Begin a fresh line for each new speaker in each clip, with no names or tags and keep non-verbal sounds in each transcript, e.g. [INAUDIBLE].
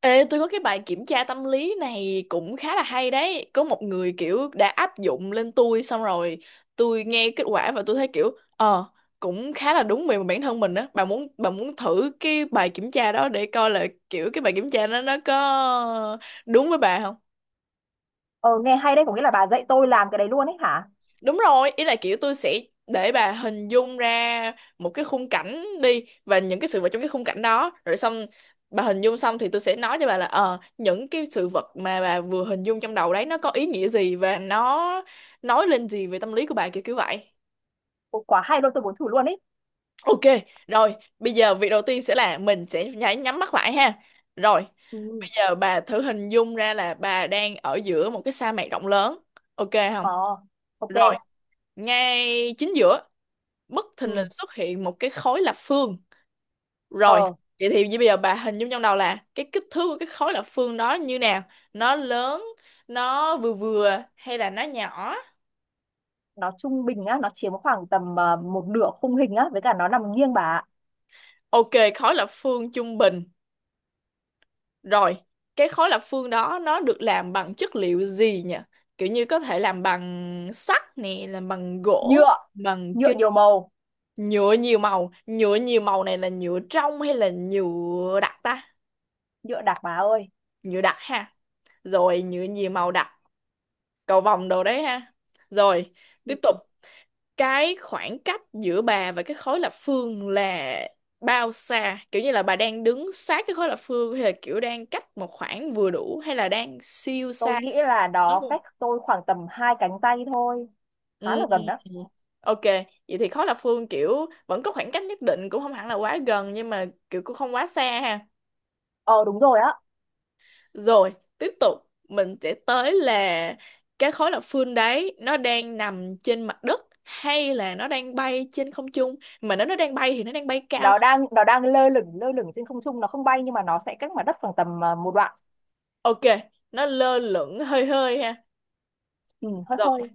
Ê, tôi có cái bài kiểm tra tâm lý này cũng khá là hay đấy. Có một người kiểu đã áp dụng lên tôi xong rồi tôi nghe kết quả và tôi thấy kiểu ờ cũng khá là đúng về bản thân mình á. Bà muốn thử cái bài kiểm tra đó để coi là kiểu cái bài kiểm tra nó có đúng với bà không?
Ờ nghe hay đấy, có nghĩa là bà dạy tôi làm cái đấy luôn ấy hả?
Đúng rồi, ý là kiểu tôi sẽ để bà hình dung ra một cái khung cảnh đi và những cái sự vật trong cái khung cảnh đó rồi xong bà hình dung xong thì tôi sẽ nói cho bà là những cái sự vật mà bà vừa hình dung trong đầu đấy nó có ý nghĩa gì và nó nói lên gì về tâm lý của bà kiểu kiểu vậy.
Ồ, quá hay luôn, tôi muốn thử luôn ấy.
Ok, rồi, bây giờ việc đầu tiên sẽ là mình sẽ phải nhắm mắt lại ha. Rồi,
Ừ,
bây giờ bà thử hình dung ra là bà đang ở giữa một cái sa mạc rộng lớn. Ok
ờ,
không?
ok.
Rồi, ngay chính giữa bất thình lình
Ừ,
xuất hiện một cái khối lập phương rồi
ờ,
vậy thì bây giờ bà hình dung trong đầu là cái kích thước của cái khối lập phương đó như nào, nó lớn, nó vừa vừa hay là nó nhỏ.
nó trung bình á, nó chiếm khoảng tầm một nửa khung hình á, với cả nó nằm nghiêng bà ạ.
Ok, khối lập phương trung bình. Rồi, cái khối lập phương đó nó được làm bằng chất liệu gì nhỉ, kiểu như có thể làm bằng sắt nè, làm bằng gỗ,
Nhựa,
bằng
nhựa
kính,
nhiều màu,
nhựa nhiều màu. Nhựa nhiều màu này là nhựa trong hay là nhựa đặc ta?
nhựa đặc bà ơi.
Nhựa đặc ha. Rồi, nhựa nhiều màu đặc, cầu vồng đồ đấy ha. Rồi,
Ừ,
tiếp tục, cái khoảng cách giữa bà và cái khối lập phương là bao xa, kiểu như là bà đang đứng sát cái khối lập phương hay là kiểu đang cách một khoảng vừa đủ hay là đang siêu
tôi
xa,
nghĩ là
nó
nó
luôn.
cách tôi khoảng tầm hai cánh tay thôi, khá
Ừ.
là gần đó.
Ok, vậy thì khối lập phương kiểu vẫn có khoảng cách nhất định, cũng không hẳn là quá gần nhưng mà kiểu cũng không quá xa ha.
Ờ đúng rồi á,
Rồi, tiếp tục, mình sẽ tới là cái khối lập phương đấy nó đang nằm trên mặt đất hay là nó đang bay trên không trung. Mà nếu nó đang bay thì nó đang bay cao.
nó đang lơ lửng trên không trung, nó không bay nhưng mà nó sẽ cách mặt đất khoảng tầm một đoạn.
Ok, nó lơ lửng hơi hơi ha.
Ừ, hơi
Rồi,
hơi.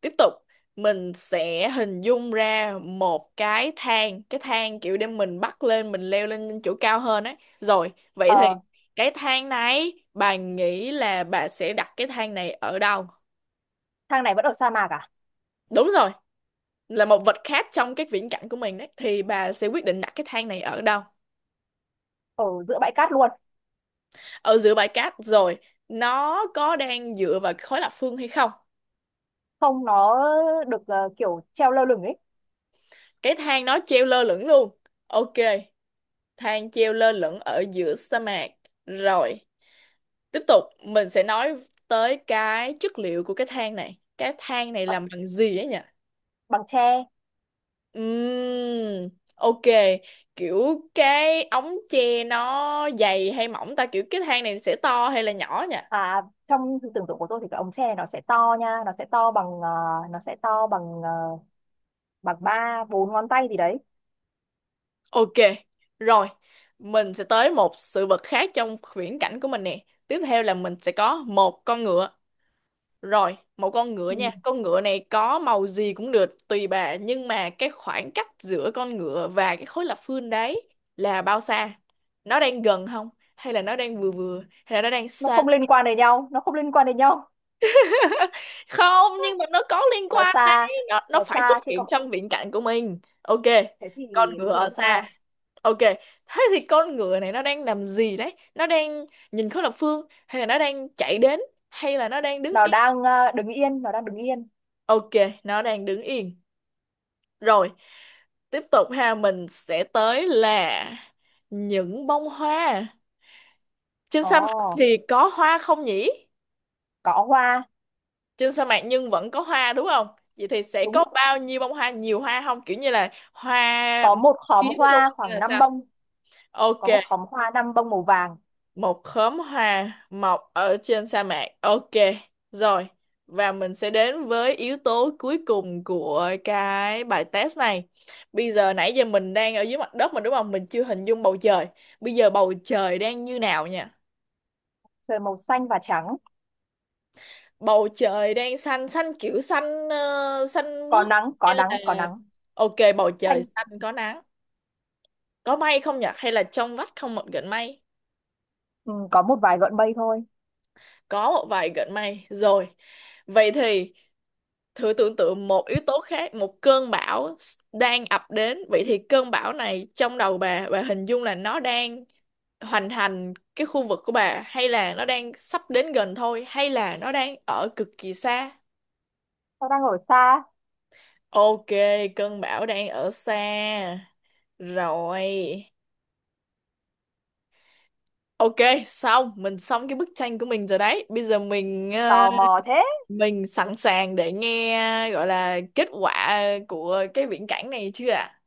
tiếp tục. Mình sẽ hình dung ra một cái thang kiểu để mình bắt lên, mình leo lên chỗ cao hơn ấy. Rồi, vậy thì
Ờ,
cái thang này bà nghĩ là bà sẽ đặt cái thang này ở đâu?
thang này vẫn ở sa mạc à?
Đúng rồi. Là một vật khác trong cái viễn cảnh của mình đấy thì bà sẽ quyết định đặt cái thang này ở đâu.
Ở giữa bãi cát luôn.
Ở giữa bãi cát rồi, nó có đang dựa vào khối lập phương hay không?
Không nó được kiểu treo lơ lửng ấy.
Cái thang nó treo lơ lửng luôn. Ok, thang treo lơ lửng ở giữa sa mạc. Rồi, tiếp tục, mình sẽ nói tới cái chất liệu của cái thang này, cái thang này
bằng,
làm bằng gì ấy nhỉ?
bằng tre.
Ừm, ok, kiểu cái ống tre nó dày hay mỏng ta, kiểu cái thang này sẽ to hay là nhỏ nhỉ?
À trong sự tưởng tượng của tôi thì cái ống tre nó sẽ to nha, nó sẽ to bằng ờ, bằng ba bốn ngón tay gì đấy.
Ok, rồi, mình sẽ tới một sự vật khác trong viễn cảnh của mình nè. Tiếp theo là mình sẽ có một con ngựa. Rồi, một con ngựa nha.
Ừ.
Con ngựa này có màu gì cũng được, tùy bà. Nhưng mà cái khoảng cách giữa con ngựa và cái khối lập phương đấy là bao xa? Nó đang gần không? Hay là nó đang vừa vừa? Hay là nó đang
Nó
xa?
không liên quan đến nhau, nó không liên quan đến nhau.
Không, nhưng mà nó có liên
Nó
quan đấy,
xa.
nó
nó
phải xuất
xa thế còn
hiện trong viễn cảnh của mình. Ok,
thế thì
con
thế
ngựa
thì nó
ở xa.
xa.
Ok, thế thì con ngựa này nó đang làm gì đấy, nó đang nhìn khối lập phương hay là nó đang chạy đến hay là nó đang đứng
Nó
yên?
đang đứng yên, nó đang đứng yên.
Ok, nó đang đứng yên. Rồi, tiếp tục ha, mình sẽ tới là những bông hoa. Trên
Ồ
sa mạc thì có hoa không nhỉ?
có hoa.
Trên sa mạc nhưng vẫn có hoa đúng không? Vậy thì sẽ
Đúng,
có bao nhiêu bông hoa, nhiều hoa không, kiểu như là hoa
có một khóm
kiếm luôn
hoa
hay
khoảng
là
năm
sao?
bông.
Ok,
Có một khóm hoa năm bông màu vàng.
một khóm hoa mọc ở trên sa mạc, ok. Rồi, và mình sẽ đến với yếu tố cuối cùng của cái bài test này. Bây giờ, nãy giờ mình đang ở dưới mặt đất mà đúng không, mình chưa hình dung bầu trời. Bây giờ bầu trời đang như nào nha?
Trời màu xanh và trắng.
Bầu trời đang xanh xanh, kiểu xanh xanh
có
mướt
nắng có
hay
nắng có
là,
nắng
ok, bầu trời
Xanh.
xanh có nắng. Có mây không nhỉ hay là trong vắt không một gợn mây?
Ừ, có một vài gọn bay thôi.
Có một vài gợn mây. Rồi, vậy thì thử tưởng tượng một yếu tố khác, một cơn bão đang ập đến. Vậy thì cơn bão này trong đầu bà hình dung là nó đang hoành hành cái khu vực của bà hay là nó đang sắp đến gần thôi hay là nó đang ở cực kỳ xa?
Tao đang ở xa,
Ok, cơn bão đang ở xa. Rồi. Ok, xong, mình xong cái bức tranh của mình rồi đấy. Bây giờ
tò mò thế.
mình sẵn sàng để nghe gọi là kết quả của cái viễn cảnh này chưa ạ?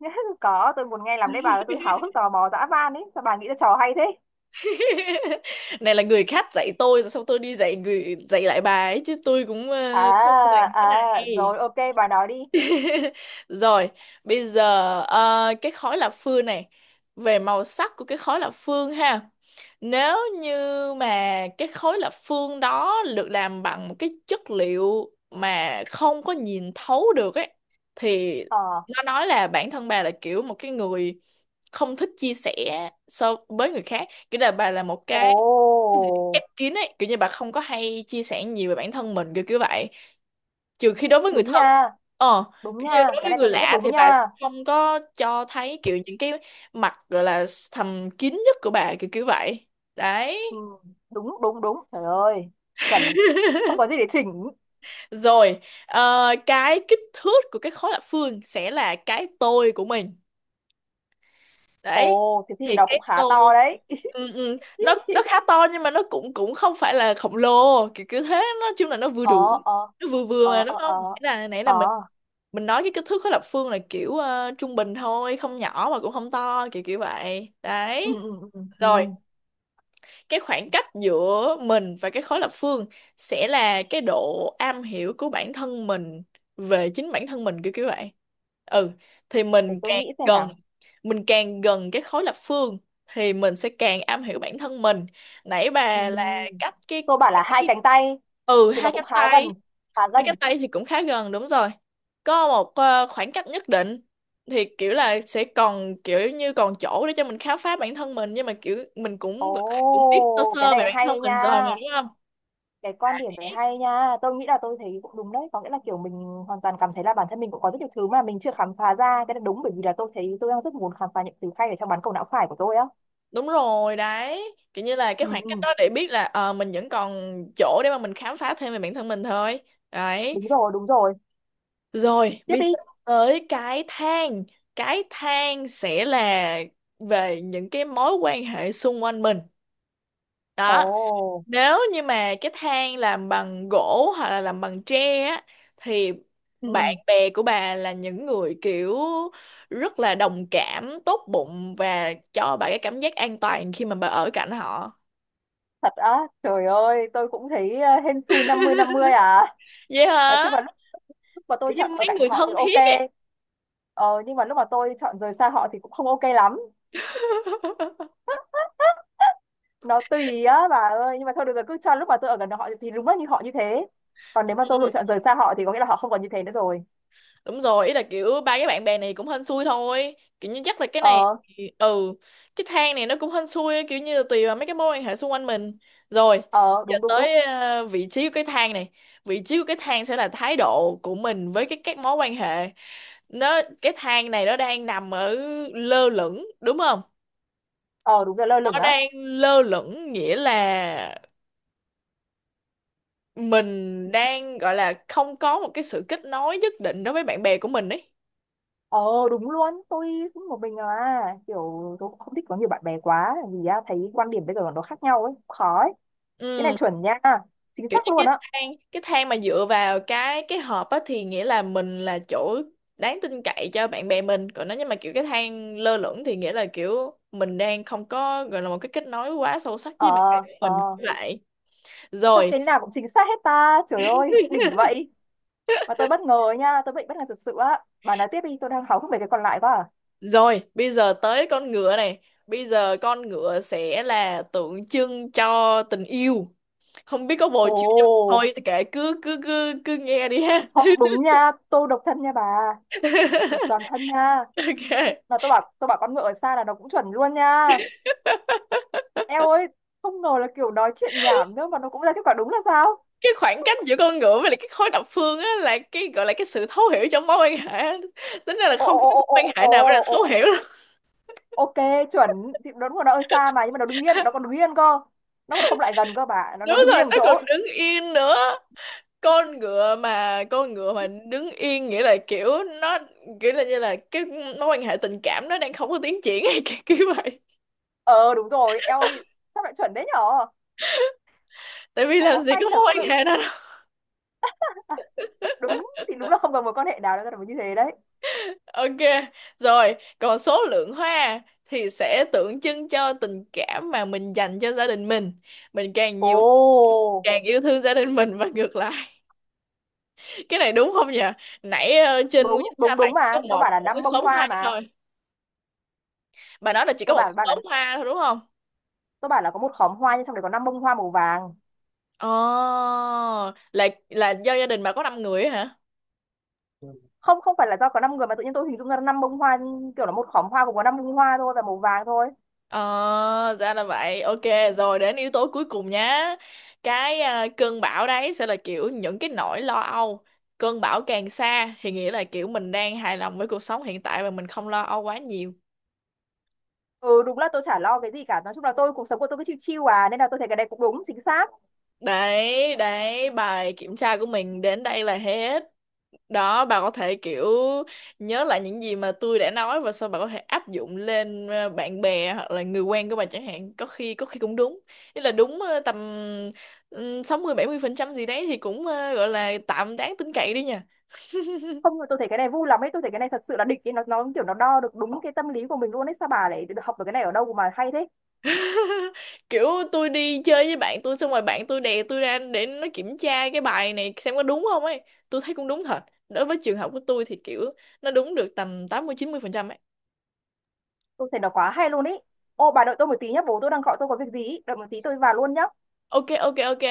[LAUGHS] Có, tôi muốn nghe làm đấy bà ơi, tôi háo hức tò mò dã man ấy. Sao bà nghĩ ra trò hay thế?
[LAUGHS] Này là người khác dạy tôi rồi xong tôi đi dạy người dạy lại bà ấy chứ tôi cũng không có
À,
dành cái
à,
này.
rồi ok, bà nói đi.
[LAUGHS] Rồi, bây giờ cái khói lập phương này, về màu sắc của cái khói lập phương ha. Nếu như mà cái khối lập phương đó được làm bằng một cái chất liệu mà không có nhìn thấu được ấy thì
Ờ,
nó nói là bản thân bà là kiểu một cái người không thích chia sẻ so với người khác, kiểu là bà là một
ồ,
cái gì ép kín ấy, kiểu như bà không có hay chia sẻ nhiều về bản thân mình kiểu kiểu vậy, trừ khi đối với người
đúng
thân.
nha,
Ờ,
đúng
kiểu như
nha.
đối
Cái
với
này
người
tôi thấy rất
lạ
đúng
thì bà
nha.
không có cho thấy kiểu những cái mặt gọi là thầm kín nhất của bà kiểu kiểu vậy
Ừ,
đấy.
đúng, đúng, đúng. Trời ơi, chuẩn. Không có gì để chỉnh.
Rồi, cái kích thước của cái khối lập phương sẽ là cái tôi của mình đấy.
Ồ, thế thì
Thì
nó cũng
cái
khá
tô
to đấy. [LAUGHS]
ừ, ừ, nó khá to nhưng mà nó cũng cũng không phải là khổng lồ kiểu kiểu thế, nói chung là nó vừa
Ờ,
đủ,
ờ,
nó vừa vừa
ờ,
mà đúng
ờ,
không?
ờ,
nãy là nãy
ờ.
là mình mình nói cái kích thước khối lập phương là kiểu trung bình thôi, không nhỏ mà cũng không to kiểu kiểu vậy
Ừ,
đấy.
ừ, ừ,
Rồi,
ừ.
cái khoảng cách giữa mình và cái khối lập phương sẽ là cái độ am hiểu của bản thân mình về chính bản thân mình kiểu kiểu vậy. Ừ, thì
Để
mình
tôi
càng
nghĩ xem
gần
nào.
mình càng gần cái khối lập phương thì mình sẽ càng am hiểu bản thân mình. Nãy
Ừ.
bà là cách
Tôi bảo là hai
cái
cánh tay
ừ
thì nó
hai
cũng
cánh
khá gần,
tay.
khá
Mấy cái
gần.
Tây thì cũng khá gần, đúng rồi. Có một khoảng cách nhất định thì kiểu là sẽ còn kiểu như còn chỗ để cho mình khám phá bản thân mình nhưng mà kiểu mình cũng gọi là cũng biết sơ
Ồ, cái
sơ về
này
bản thân
hay nha.
mình rồi mà đúng không?
Cái
À,
quan điểm này hay nha. Tôi nghĩ là tôi thấy cũng đúng đấy. Có nghĩa là kiểu mình hoàn toàn cảm thấy là bản thân mình cũng có rất nhiều thứ mà mình chưa khám phá ra. Cái này đúng bởi vì là tôi thấy tôi đang rất muốn khám phá những thứ hay ở trong bán cầu não phải của tôi á.
đúng rồi đấy. Kiểu như là
Ừ,
cái khoảng cách
ừ.
đó để biết là mình vẫn còn chỗ để mà mình khám phá thêm về bản thân mình thôi. Đấy.
Đúng rồi, đúng rồi.
Rồi,
Tiếp
bây giờ
đi.
tới cái thang. Cái thang sẽ là về những cái mối quan hệ xung quanh mình. Đó,
Ồ,
nếu như mà cái thang làm bằng gỗ hoặc là làm bằng tre á thì bạn
ừ.
bè của bà là những người kiểu rất là đồng cảm, tốt bụng và cho bà cái cảm giác an toàn khi mà bà ở cạnh họ.
Thật á, trời ơi, tôi cũng thấy hên xui 50-50 à.
Vậy
Nói
hả,
chung là mà tôi
kiểu như
chọn ở
mấy
cạnh
người
họ
thân
thì
thiết ấy.
ok, ờ, nhưng mà lúc mà tôi chọn rời xa họ thì cũng không ok lắm. Nó tùy á bà ơi, nhưng mà thôi được rồi, cứ cho lúc mà tôi ở gần họ thì đúng là như họ như thế, còn nếu mà tôi lựa
[LAUGHS]
chọn rời xa họ thì có nghĩa là họ không còn như thế nữa rồi.
Đúng rồi, ý là kiểu ba cái bạn bè này cũng hên xui thôi, kiểu như chắc là cái này
Ờ,
thì, ừ, cái thang này nó cũng hên xui kiểu như là tùy vào mấy cái mối quan hệ xung quanh mình. Rồi,
ờ,
giờ
đúng, đúng, đúng.
tới vị trí của cái thang này. Vị trí của cái thang sẽ là thái độ của mình với cái các mối quan hệ. Nó, cái thang này nó đang nằm ở lơ lửng đúng không?
Ờ đúng rồi lơ lửng
Nó
á.
đang lơ lửng nghĩa là mình đang gọi là không có một cái sự kết nối nhất định đối với bạn bè của mình ấy.
Ờ đúng luôn, tôi cũng một mình à, kiểu tôi cũng không thích có nhiều bạn bè quá vì á, thấy quan điểm bây giờ nó khác nhau ấy, khó ấy. Cái này
Ừ,
chuẩn nha, chính
kiểu
xác
như
luôn
cái
á.
thang cái thang mà dựa vào cái hộp á thì nghĩa là mình là chỗ đáng tin cậy cho bạn bè mình. Còn nếu như mà kiểu cái thang lơ lửng thì nghĩa là kiểu mình đang không có gọi là một cái kết nối quá sâu sắc với bạn bè
Ờ,
của
ờ.
mình như vậy.
Sao
Rồi.
cái nào cũng chính xác hết ta, trời ơi đỉnh
[LAUGHS]
vậy. Và tôi bất ngờ ấy nha, tôi bị bất ngờ thực sự á. Bà nói tiếp đi, tôi đang háo hức về cái còn lại quá à.
Rồi, bây giờ tới con ngựa này. Bây giờ con ngựa sẽ là tượng trưng cho tình yêu. Không biết có bồ
Ồ,
chưa nhưng mà thôi thì kệ, cứ cứ cứ cứ nghe đi ha.
không đúng nha, tôi độc thân nha bà. Độc toàn thân nha.
[LAUGHS] Ok,
Mà tôi bảo con ngựa ở xa là nó cũng chuẩn luôn nha. Eo ơi, không ngờ là kiểu nói chuyện nhảm nữa mà nó cũng ra kết quả đúng là sao?
cái khoảng cách giữa con ngựa với lại cái khối độc phương á là cái gọi là cái sự thấu hiểu trong mối quan hệ á. Tính ra là
Ồ,
không
ồ,
có cái
ồ,
mối quan
ồ,
hệ nào mới
ồ,
là
ồ,
thấu hiểu
ồ,
đâu.
ok, chuẩn. Thì nó đúng là nó ở xa mà, nhưng mà nó đứng yên, nó còn đứng yên cơ. Nó còn không lại gần cơ bà, nó,
Đúng
nó đứng
rồi,
yên một
nó
chỗ.
còn đứng yên nữa. Con ngựa mà đứng yên nghĩa là kiểu nó, kiểu là như là cái mối quan hệ tình cảm nó đang không có tiến triển hay kiểu kiểu vậy.
Ờ, đúng rồi, eo ơi, sao lại chuẩn đấy nhở?
Tại vì
Bó
làm gì
tay
có mối
thật
quan
sự.
hệ đó đâu.
Đúng thì đúng là không còn mối quan hệ nào nó là như thế đấy.
Ok, rồi, còn số lượng hoa thì sẽ tượng trưng cho tình cảm mà mình dành cho gia đình mình. Mình càng
Ồ
nhiều, càng yêu thương gia đình mình và ngược lại. Cái này đúng không nhỉ, nãy ờ, trên
đúng,
nguyên sa
đúng,
mạc
đúng,
chỉ có
mà tôi
một
bảo là
một
năm
cái
bông
khóm
hoa
hoa
mà.
thôi, bà nói là chỉ có
tôi
một
bảo
cái
bạn là
khóm hoa thôi đúng không?
tôi bảo là có một khóm hoa nhưng trong đấy có năm bông hoa màu vàng.
Ồ, là do gia đình bà có 5 người ấy hả?
Không, không phải là do có năm người mà tự nhiên tôi hình dung ra năm bông hoa, kiểu là một khóm hoa cũng có năm bông hoa thôi và màu vàng thôi.
Ờ, ra là vậy. Ok, rồi đến yếu tố cuối cùng nhá. Cái à, cơn bão đấy sẽ là kiểu những cái nỗi lo âu. Cơn bão càng xa thì nghĩa là kiểu mình đang hài lòng với cuộc sống hiện tại và mình không lo âu quá nhiều.
Ừ đúng là tôi chả lo cái gì cả, nói chung là tôi cuộc sống của tôi cứ chill chill à, nên là tôi thấy cái này cũng đúng chính xác.
Đấy, đấy, bài kiểm tra của mình đến đây là hết. Đó, bà có thể kiểu nhớ lại những gì mà tôi đã nói và sau bà có thể áp dụng lên bạn bè hoặc là người quen của bà chẳng hạn, có khi cũng đúng. Ý là đúng tầm 60-70% gì đấy thì cũng gọi là tạm đáng tin cậy đi nha.
Không tôi thấy cái này vui lắm ấy, tôi thấy cái này thật sự là đỉnh ấy, nó kiểu nó đo được đúng cái tâm lý của mình luôn ấy, sao bà lại học được cái này ở đâu mà hay thế.
Kiểu tôi đi chơi với bạn tôi xong rồi bạn tôi đè tôi ra để nó kiểm tra cái bài này xem có đúng không ấy. Tôi thấy cũng đúng thật, đối với trường hợp của tôi thì kiểu nó đúng được tầm 80-90% ấy.
Tôi thấy nó quá hay luôn ý. Ô bà đợi tôi một tí nhá, bố tôi đang gọi tôi có việc gì ý. Đợi một tí tôi vào luôn nhá.
Ok, ok, ok.